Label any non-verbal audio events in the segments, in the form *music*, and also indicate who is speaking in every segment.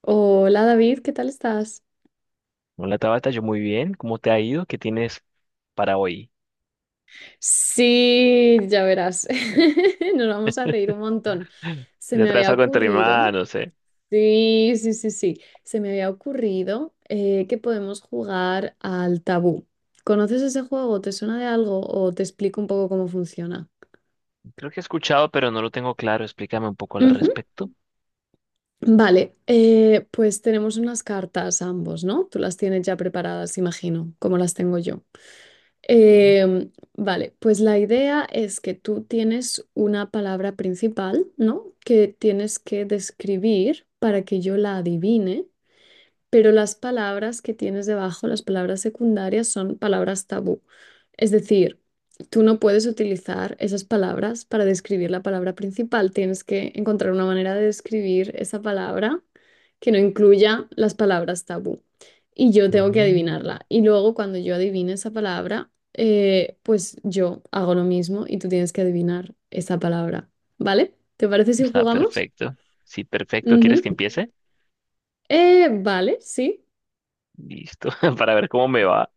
Speaker 1: Hola David, ¿qué tal estás?
Speaker 2: Hola Tabata, yo muy bien. ¿Cómo te ha ido? ¿Qué tienes para hoy?
Speaker 1: Sí, ya verás, *laughs* nos vamos a reír un montón. Se
Speaker 2: ¿Te
Speaker 1: me
Speaker 2: traes
Speaker 1: había
Speaker 2: algo entre
Speaker 1: ocurrido,
Speaker 2: manos,
Speaker 1: sí, sí, sí, sí, se me había ocurrido que podemos jugar al tabú. ¿Conoces ese juego? ¿Te suena de algo o te explico un poco cómo funciona?
Speaker 2: Creo que he escuchado, pero no lo tengo claro. Explícame un poco al
Speaker 1: Ujú.
Speaker 2: respecto.
Speaker 1: Vale, pues tenemos unas cartas ambos, ¿no? Tú las tienes ya preparadas, imagino, como las tengo yo.
Speaker 2: Bien.
Speaker 1: Em, vale, pues la idea es que tú tienes una palabra principal, ¿no? Que tienes que describir para que yo la adivine pero las palabras que tienes debajo, las palabras secundarias, son palabras tabú. Es decir, tú no puedes utilizar esas palabras para describir la palabra principal. Tienes que encontrar una manera de describir esa palabra que no incluya las palabras tabú. Y yo tengo que
Speaker 2: Ujú.
Speaker 1: adivinarla. Y luego cuando yo adivine esa palabra, pues yo hago lo mismo y tú tienes que adivinar esa palabra. ¿Vale? ¿Te parece si
Speaker 2: Está
Speaker 1: jugamos?
Speaker 2: perfecto. Sí, perfecto. ¿Quieres
Speaker 1: Ujú.
Speaker 2: que empiece?
Speaker 1: Vale, sí.
Speaker 2: Listo, *laughs* para ver cómo me va.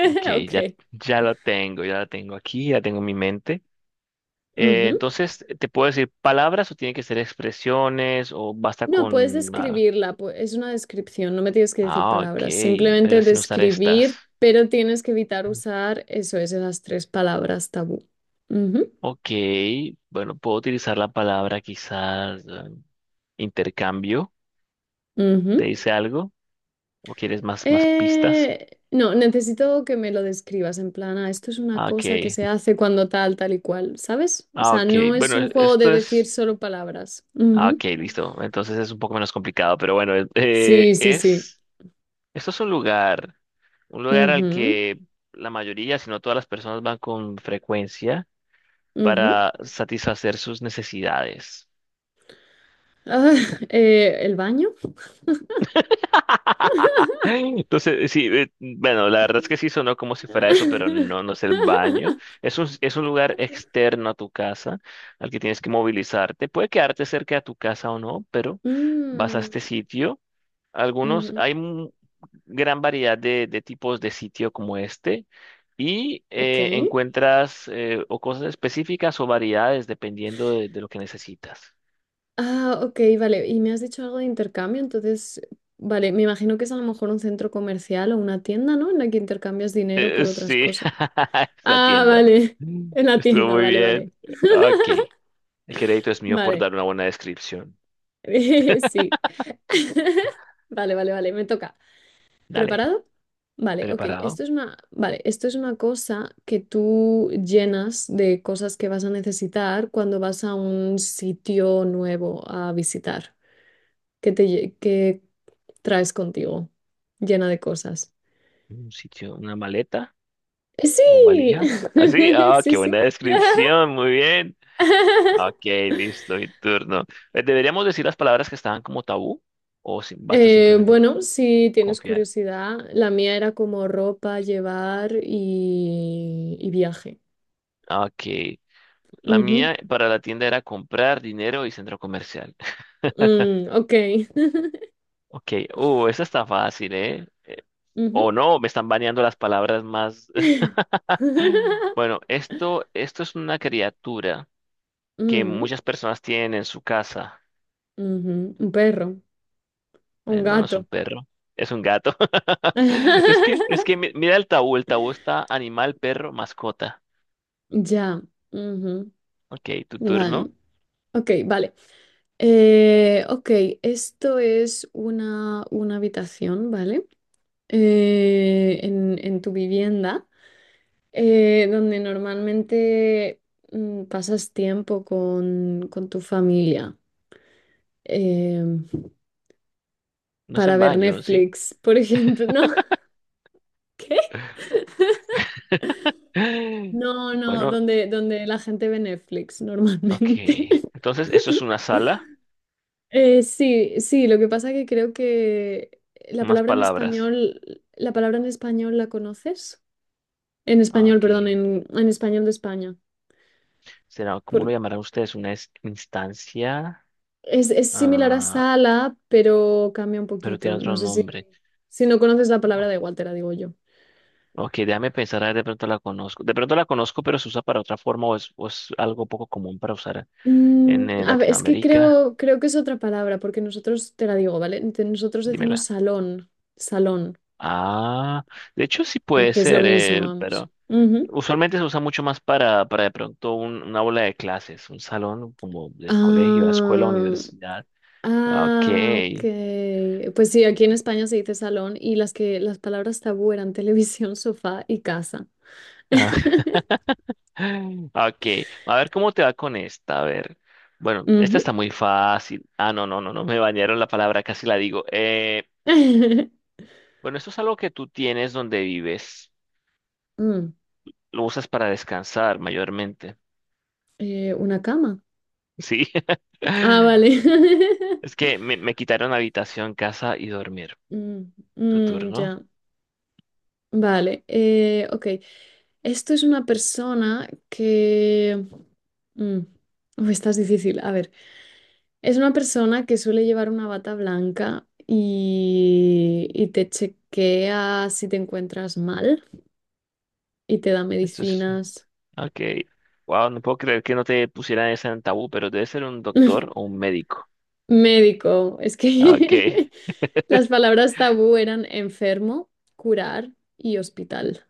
Speaker 2: Ok, ya,
Speaker 1: Ok.
Speaker 2: ya lo tengo, ya la tengo aquí, ya tengo en mi mente. Eh,
Speaker 1: Ujú.
Speaker 2: entonces, ¿te puedo decir palabras o tiene que ser expresiones o basta
Speaker 1: No, puedes
Speaker 2: con... Ah,
Speaker 1: describirla, es una descripción, no me tienes que decir
Speaker 2: ah, ok,
Speaker 1: palabras,
Speaker 2: pero
Speaker 1: simplemente
Speaker 2: sin usar estas.
Speaker 1: describir, pero tienes que evitar usar eso, esas tres palabras tabú. Ujú,
Speaker 2: Ok, bueno, puedo utilizar la palabra quizás intercambio. ¿Te
Speaker 1: ujú.
Speaker 2: dice algo? ¿O quieres más, más pistas?
Speaker 1: No, necesito que me lo describas en plan, "Ah, esto es una
Speaker 2: Ah, ok,
Speaker 1: cosa que se hace cuando tal, tal y cual, ¿sabes? O
Speaker 2: ah,
Speaker 1: sea,
Speaker 2: ok.
Speaker 1: no es
Speaker 2: Bueno,
Speaker 1: un juego de
Speaker 2: esto
Speaker 1: decir
Speaker 2: es...
Speaker 1: solo palabras.
Speaker 2: Ah,
Speaker 1: Ujú.
Speaker 2: ok, listo. Entonces es un poco menos complicado, pero bueno,
Speaker 1: Sí, sí, sí.
Speaker 2: es... Esto es un lugar al
Speaker 1: Ujú,
Speaker 2: que la mayoría, si no todas las personas van con frecuencia
Speaker 1: ujú.
Speaker 2: para satisfacer sus necesidades.
Speaker 1: Ah, *laughs* ¿el baño?
Speaker 2: Entonces, sí, bueno, la verdad es que sí sonó como si fuera eso, pero no,
Speaker 1: *laughs*
Speaker 2: no es el baño. Es un lugar externo a tu casa al que tienes que movilizarte. Puede quedarte cerca de tu casa o no, pero vas a
Speaker 1: Mm,
Speaker 2: este sitio. Algunos,
Speaker 1: ujú,
Speaker 2: hay gran variedad de tipos de sitio como este y
Speaker 1: ok.
Speaker 2: encuentras o cosas específicas o variedades dependiendo de lo que necesitas.
Speaker 1: Ah, ok, vale. Y me has dicho algo de intercambio, entonces, vale, me imagino que es a lo mejor un centro comercial o una tienda, ¿no? En la que intercambias dinero por otras
Speaker 2: Sí,
Speaker 1: cosas.
Speaker 2: *laughs* es la
Speaker 1: Ah,
Speaker 2: tienda.
Speaker 1: vale. *laughs*
Speaker 2: Mm.
Speaker 1: En la
Speaker 2: Estuvo
Speaker 1: tienda,
Speaker 2: muy
Speaker 1: vale, vale.
Speaker 2: bien. Ok. El crédito es mío por
Speaker 1: Vale.
Speaker 2: dar una buena descripción.
Speaker 1: *laughs* Sí. *laughs* Vale, vale, vale. Me toca.
Speaker 2: Dale,
Speaker 1: ¿Preparado? Vale, ok.
Speaker 2: ¿preparado?
Speaker 1: Esto es una, vale, esto es una cosa que tú llenas de cosas que vas a necesitar cuando vas a un sitio nuevo a visitar. ¿Qué traes contigo? Llena de cosas.
Speaker 2: Un sitio, una maleta o
Speaker 1: Sí,
Speaker 2: valija. Así,
Speaker 1: *laughs*
Speaker 2: ah,
Speaker 1: sí,
Speaker 2: qué
Speaker 1: sí.
Speaker 2: buena descripción, muy bien. Ok,
Speaker 1: *laughs*
Speaker 2: listo, mi turno. ¿Deberíamos decir las palabras que estaban como tabú o basta
Speaker 1: Eh,
Speaker 2: simplemente
Speaker 1: bueno, si tienes
Speaker 2: confiar?
Speaker 1: curiosidad, la mía era como ropa, llevar y viaje.
Speaker 2: Ok, la
Speaker 1: Ujú.
Speaker 2: mía para la tienda era comprar dinero y centro comercial. *laughs*
Speaker 1: Ok. *laughs*
Speaker 2: Ok, esa está fácil, ¿eh?
Speaker 1: Ujú.
Speaker 2: O no, me están baneando las palabras más.
Speaker 1: *laughs*
Speaker 2: *laughs* Bueno, esto es una criatura que
Speaker 1: Mm,
Speaker 2: muchas personas tienen en su casa.
Speaker 1: ujú, un perro, un
Speaker 2: No, no es un
Speaker 1: gato.
Speaker 2: perro, es un gato. *laughs* Es que
Speaker 1: *laughs*
Speaker 2: mira el tabú está animal, perro, mascota.
Speaker 1: Ya. Ujú.
Speaker 2: Ok, tu
Speaker 1: Vale.
Speaker 2: turno.
Speaker 1: Ok, vale. Ok, esto es una habitación, ¿vale? En tu vivienda, donde normalmente pasas tiempo con tu familia em,
Speaker 2: No es el
Speaker 1: para ver
Speaker 2: baño, ¿sí?
Speaker 1: Netflix, por ejemplo, ¿no? *laughs*
Speaker 2: *gasps*
Speaker 1: No, no,
Speaker 2: Bueno,
Speaker 1: donde la gente ve Netflix
Speaker 2: ok.
Speaker 1: normalmente. *laughs*
Speaker 2: Entonces, esto es una sala,
Speaker 1: Sí, sí, lo que pasa que creo que la
Speaker 2: más
Speaker 1: palabra en
Speaker 2: palabras.
Speaker 1: español, la palabra en español la conoces. En español,
Speaker 2: Ok.
Speaker 1: perdón, en español de España.
Speaker 2: Será, ¿cómo lo
Speaker 1: Por-
Speaker 2: llamarán ustedes? ¿Una instancia?
Speaker 1: es similar a
Speaker 2: Ah,
Speaker 1: sala, pero cambia un
Speaker 2: pero
Speaker 1: poquito.
Speaker 2: tiene
Speaker 1: No
Speaker 2: otro
Speaker 1: sé si,
Speaker 2: nombre.
Speaker 1: si no conoces la palabra, da igual, te la digo yo.
Speaker 2: Ok, déjame pensar, a ver, de pronto la conozco. De pronto la conozco, pero se usa para otra forma o es algo poco común para usar
Speaker 1: Mm,
Speaker 2: en
Speaker 1: a ver, es que
Speaker 2: Latinoamérica,
Speaker 1: creo que es otra palabra, porque nosotros, te la digo, ¿vale? Nosotros decimos
Speaker 2: dímela.
Speaker 1: salón, salón.
Speaker 2: Ah, de hecho sí puede
Speaker 1: Que es lo
Speaker 2: ser,
Speaker 1: mismo, vamos.
Speaker 2: pero
Speaker 1: Ujú.
Speaker 2: usualmente se usa mucho más para de pronto una aula de clases, un salón como del colegio, la escuela,
Speaker 1: Ah,
Speaker 2: universidad. Ok.
Speaker 1: ah, ok. Pues sí, aquí en España se dice salón y las que las palabras tabú eran televisión, *laughs* sofá y casa.
Speaker 2: Ah,
Speaker 1: *laughs*
Speaker 2: *laughs* ok. A ver cómo te va con esta. A ver. Bueno, esta
Speaker 1: Ujú.
Speaker 2: está muy fácil. Ah, no, no, no, no me bañaron la palabra, casi la digo.
Speaker 1: *laughs*
Speaker 2: Bueno, esto es algo que tú tienes donde vives.
Speaker 1: Mm,
Speaker 2: Lo usas para descansar mayormente.
Speaker 1: una cama.
Speaker 2: Sí.
Speaker 1: Ah,
Speaker 2: *laughs*
Speaker 1: vale.
Speaker 2: Es
Speaker 1: *laughs*
Speaker 2: que me quitaron habitación, casa y dormir.
Speaker 1: Mm,
Speaker 2: Tu
Speaker 1: mm,
Speaker 2: turno.
Speaker 1: ya. Vale, ok. Esto es una persona que, mm, *laughs* uy, esta es difícil. A ver, es una persona que suele llevar una bata blanca y te chequea si te encuentras mal y te da
Speaker 2: Esto es. *laughs*
Speaker 1: medicinas.
Speaker 2: Ok. Wow, no puedo creer que no te pusieran esa en tabú, pero debe ser un doctor o
Speaker 1: *laughs*
Speaker 2: un médico.
Speaker 1: Médico, es
Speaker 2: Ok.
Speaker 1: que *laughs* las palabras tabú eran enfermo, curar y hospital.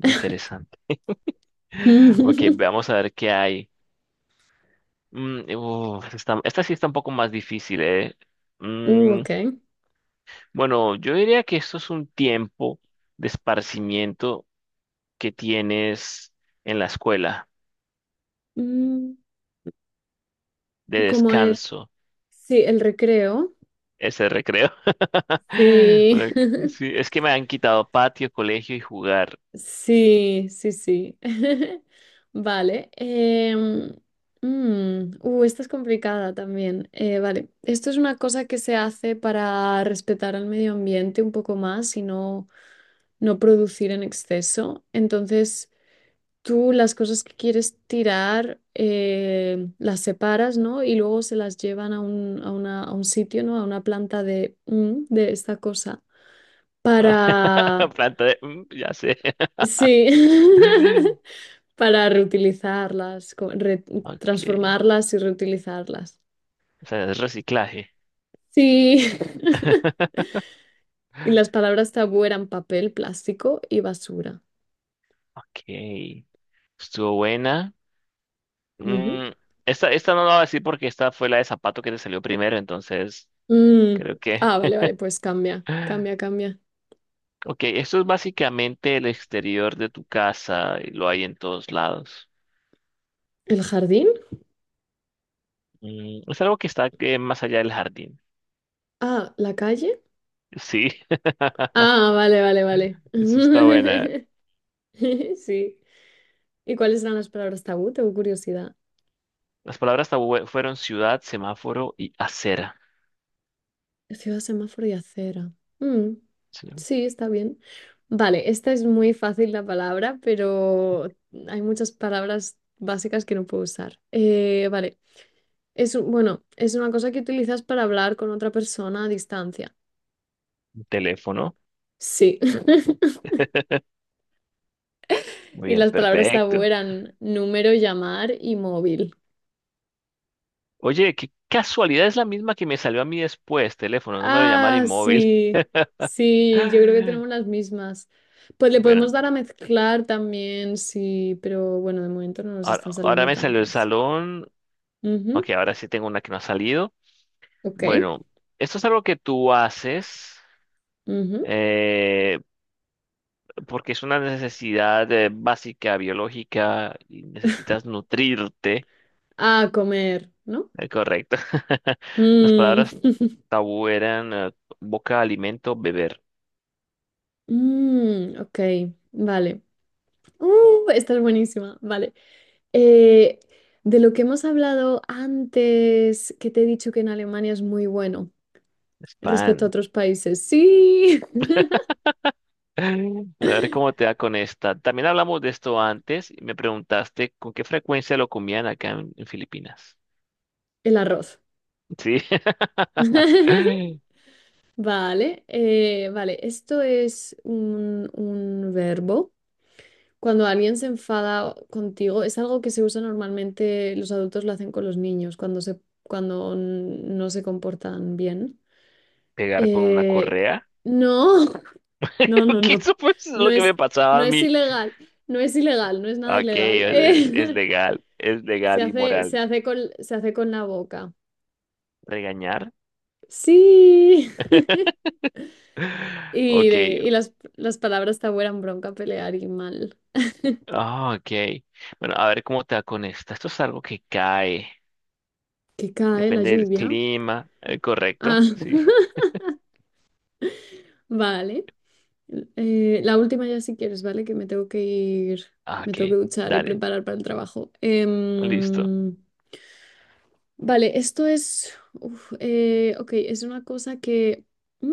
Speaker 2: Interesante. *laughs* Ok,
Speaker 1: *laughs*
Speaker 2: veamos a ver qué hay. Mm, uf, esta sí está un poco más difícil, ¿eh?
Speaker 1: Uh,
Speaker 2: Mm,
Speaker 1: ok.
Speaker 2: bueno, yo diría que esto es un tiempo de esparcimiento que tienes en la escuela,
Speaker 1: Mm,
Speaker 2: de
Speaker 1: como el,
Speaker 2: descanso.
Speaker 1: sí, el recreo.
Speaker 2: Ese recreo. *laughs*
Speaker 1: Sí.
Speaker 2: Bueno,
Speaker 1: *laughs*
Speaker 2: sí, es que me han quitado patio, colegio y jugar.
Speaker 1: Sí, sí, sí. *laughs* Vale. Esta es complicada también. Vale. Esto es una cosa que se hace para respetar al medio ambiente un poco más y no producir en exceso. Entonces, tú las cosas que quieres tirar las separas, ¿no? Y luego se las llevan a un sitio, ¿no? A una planta de esta cosa. para,
Speaker 2: *laughs* Planta de... mm, ya sé.
Speaker 1: sí,
Speaker 2: *laughs*
Speaker 1: *laughs* para reutilizarlas,
Speaker 2: Ok.
Speaker 1: transformarlas y reutilizarlas.
Speaker 2: O sea, es reciclaje.
Speaker 1: Sí, *laughs*
Speaker 2: *laughs*
Speaker 1: y las palabras tabú eran papel, plástico y basura.
Speaker 2: Ok. Estuvo buena.
Speaker 1: Ujú.
Speaker 2: Mm, esta no la voy a decir porque esta fue la de zapato que te salió primero, entonces
Speaker 1: Mm.
Speaker 2: creo que...
Speaker 1: Ah, vale, vale, pues cambia, cambia,
Speaker 2: *laughs*
Speaker 1: cambia.
Speaker 2: Ok, esto es básicamente el exterior de tu casa y lo hay en todos lados.
Speaker 1: ¿El jardín?
Speaker 2: Mm, es algo que está más allá del jardín.
Speaker 1: Ah, ¿la calle?
Speaker 2: Sí.
Speaker 1: Ah, vale, vale, vale.
Speaker 2: Esa está buena.
Speaker 1: *laughs* Sí. ¿Y cuáles eran las palabras tabú? Tengo curiosidad.
Speaker 2: Las palabras tabú fueron ciudad, semáforo y acera.
Speaker 1: Ciudad, semáforo y acera. Mm,
Speaker 2: Sí, un
Speaker 1: sí, está bien. Vale, esta es muy fácil la palabra, pero hay muchas palabras básicas que no puedo usar. Vale, bueno, es una cosa que utilizas para hablar con otra persona a distancia.
Speaker 2: teléfono.
Speaker 1: Sí. *laughs*
Speaker 2: Muy
Speaker 1: Y
Speaker 2: bien,
Speaker 1: las palabras tabú
Speaker 2: perfecto.
Speaker 1: eran número, llamar y móvil.
Speaker 2: Oye, qué casualidad es la misma que me salió a mí después. Teléfono, número de llamar y
Speaker 1: Ah,
Speaker 2: móvil.
Speaker 1: sí, sí, yo creo que tenemos
Speaker 2: *laughs*
Speaker 1: las mismas. Pues le
Speaker 2: Bueno,
Speaker 1: podemos dar a mezclar también, sí, pero bueno, de momento no nos están
Speaker 2: ahora
Speaker 1: saliendo
Speaker 2: me salió el
Speaker 1: tantas.
Speaker 2: salón. Ok,
Speaker 1: Ujú,
Speaker 2: ahora sí tengo una que no ha salido.
Speaker 1: ok.
Speaker 2: Bueno, esto es algo que tú haces
Speaker 1: Ujú.
Speaker 2: eh, porque es una necesidad básica, biológica, y necesitas nutrirte.
Speaker 1: A comer, ¿no?
Speaker 2: Correcto. *laughs* Las
Speaker 1: Mm.
Speaker 2: palabras
Speaker 1: *laughs*
Speaker 2: tabú eran boca, alimento, beber.
Speaker 1: Ok, vale. Esta es buenísima, vale. Eh, de lo que hemos hablado antes, que te he dicho que en Alemania es muy bueno respecto a
Speaker 2: Spam.
Speaker 1: otros países. Sí, *laughs*
Speaker 2: *laughs* A ver cómo te da con esta. También hablamos de esto antes y me preguntaste con qué frecuencia lo comían acá en Filipinas.
Speaker 1: el arroz.
Speaker 2: Sí.
Speaker 1: *laughs*
Speaker 2: *laughs*
Speaker 1: Vale, vale, esto es un verbo. Cuando alguien se enfada contigo, es algo que se usa normalmente, los adultos lo hacen con los niños cuando no se comportan bien.
Speaker 2: Pegar con una
Speaker 1: Eh,
Speaker 2: correa.
Speaker 1: no, *laughs* no, no,
Speaker 2: *laughs* Que
Speaker 1: no.
Speaker 2: eso pues es
Speaker 1: No
Speaker 2: lo que
Speaker 1: es,
Speaker 2: me pasaba
Speaker 1: no
Speaker 2: a
Speaker 1: es
Speaker 2: mí.
Speaker 1: ilegal, no es ilegal, no es nada
Speaker 2: Ok,
Speaker 1: ilegal.
Speaker 2: es
Speaker 1: *laughs* Se
Speaker 2: legal y
Speaker 1: hace, se
Speaker 2: moral.
Speaker 1: hace con, se hace con la boca.
Speaker 2: Regañar.
Speaker 1: Sí. *laughs*
Speaker 2: *laughs*
Speaker 1: Y,
Speaker 2: Ok,
Speaker 1: de- y las, las palabras te vuelan bronca, pelear y mal.
Speaker 2: ah, ok. Bueno, a ver cómo te va con esta. Esto es algo que cae.
Speaker 1: Que cae la
Speaker 2: Depende del
Speaker 1: lluvia.
Speaker 2: clima. ¿Correcto?
Speaker 1: Ah,
Speaker 2: Sí.
Speaker 1: *laughs* vale. La última ya si quieres, ¿vale? Que me tengo que ir,
Speaker 2: Ah,
Speaker 1: me tengo que
Speaker 2: ok.
Speaker 1: duchar y
Speaker 2: Dale.
Speaker 1: preparar para el trabajo.
Speaker 2: Listo.
Speaker 1: Vale, esto es, ok, es una cosa que, mm,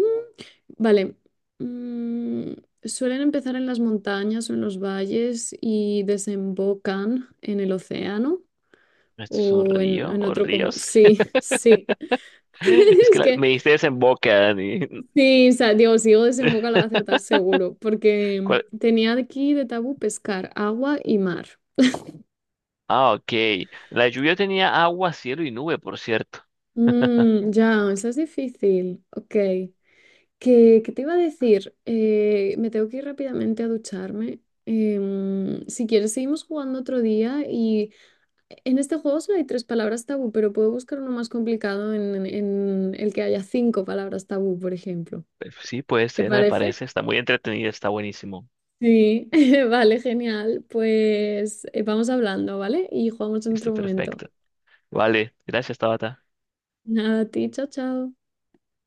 Speaker 1: vale, mm, suelen empezar en las montañas o en los valles y desembocan en el océano
Speaker 2: ¿Esto es un
Speaker 1: o en,
Speaker 2: río
Speaker 1: en
Speaker 2: o
Speaker 1: otro como,
Speaker 2: ríos?
Speaker 1: sí,
Speaker 2: *laughs*
Speaker 1: *laughs* sí. *laughs*
Speaker 2: Es que
Speaker 1: Es que
Speaker 2: me diste desemboque, Dani.
Speaker 1: sí, o sea, digo, si digo desemboca la va a acertar
Speaker 2: *laughs*
Speaker 1: seguro, porque
Speaker 2: ¿Cuál?
Speaker 1: tenía aquí de tabú pescar, agua y mar.
Speaker 2: Ah, ok. La lluvia tenía agua, cielo y nube, por cierto.
Speaker 1: Mm, ya, eso es difícil. Ok. ¿Qué te iba a decir? Me tengo que ir rápidamente a ducharme. Si quieres, seguimos jugando otro día y en este juego solo hay tres palabras tabú, pero puedo buscar uno más complicado en el que haya cinco palabras tabú, por ejemplo.
Speaker 2: Sí, puede
Speaker 1: ¿Te
Speaker 2: ser, me
Speaker 1: parece?
Speaker 2: parece. Está muy entretenida, está buenísimo.
Speaker 1: Sí, *laughs* vale, genial. Pues vamos hablando, ¿vale? Y jugamos en
Speaker 2: Listo,
Speaker 1: otro momento.
Speaker 2: perfecto. Vale. Gracias, Tabata.
Speaker 1: Nada, a ti, chao, chao.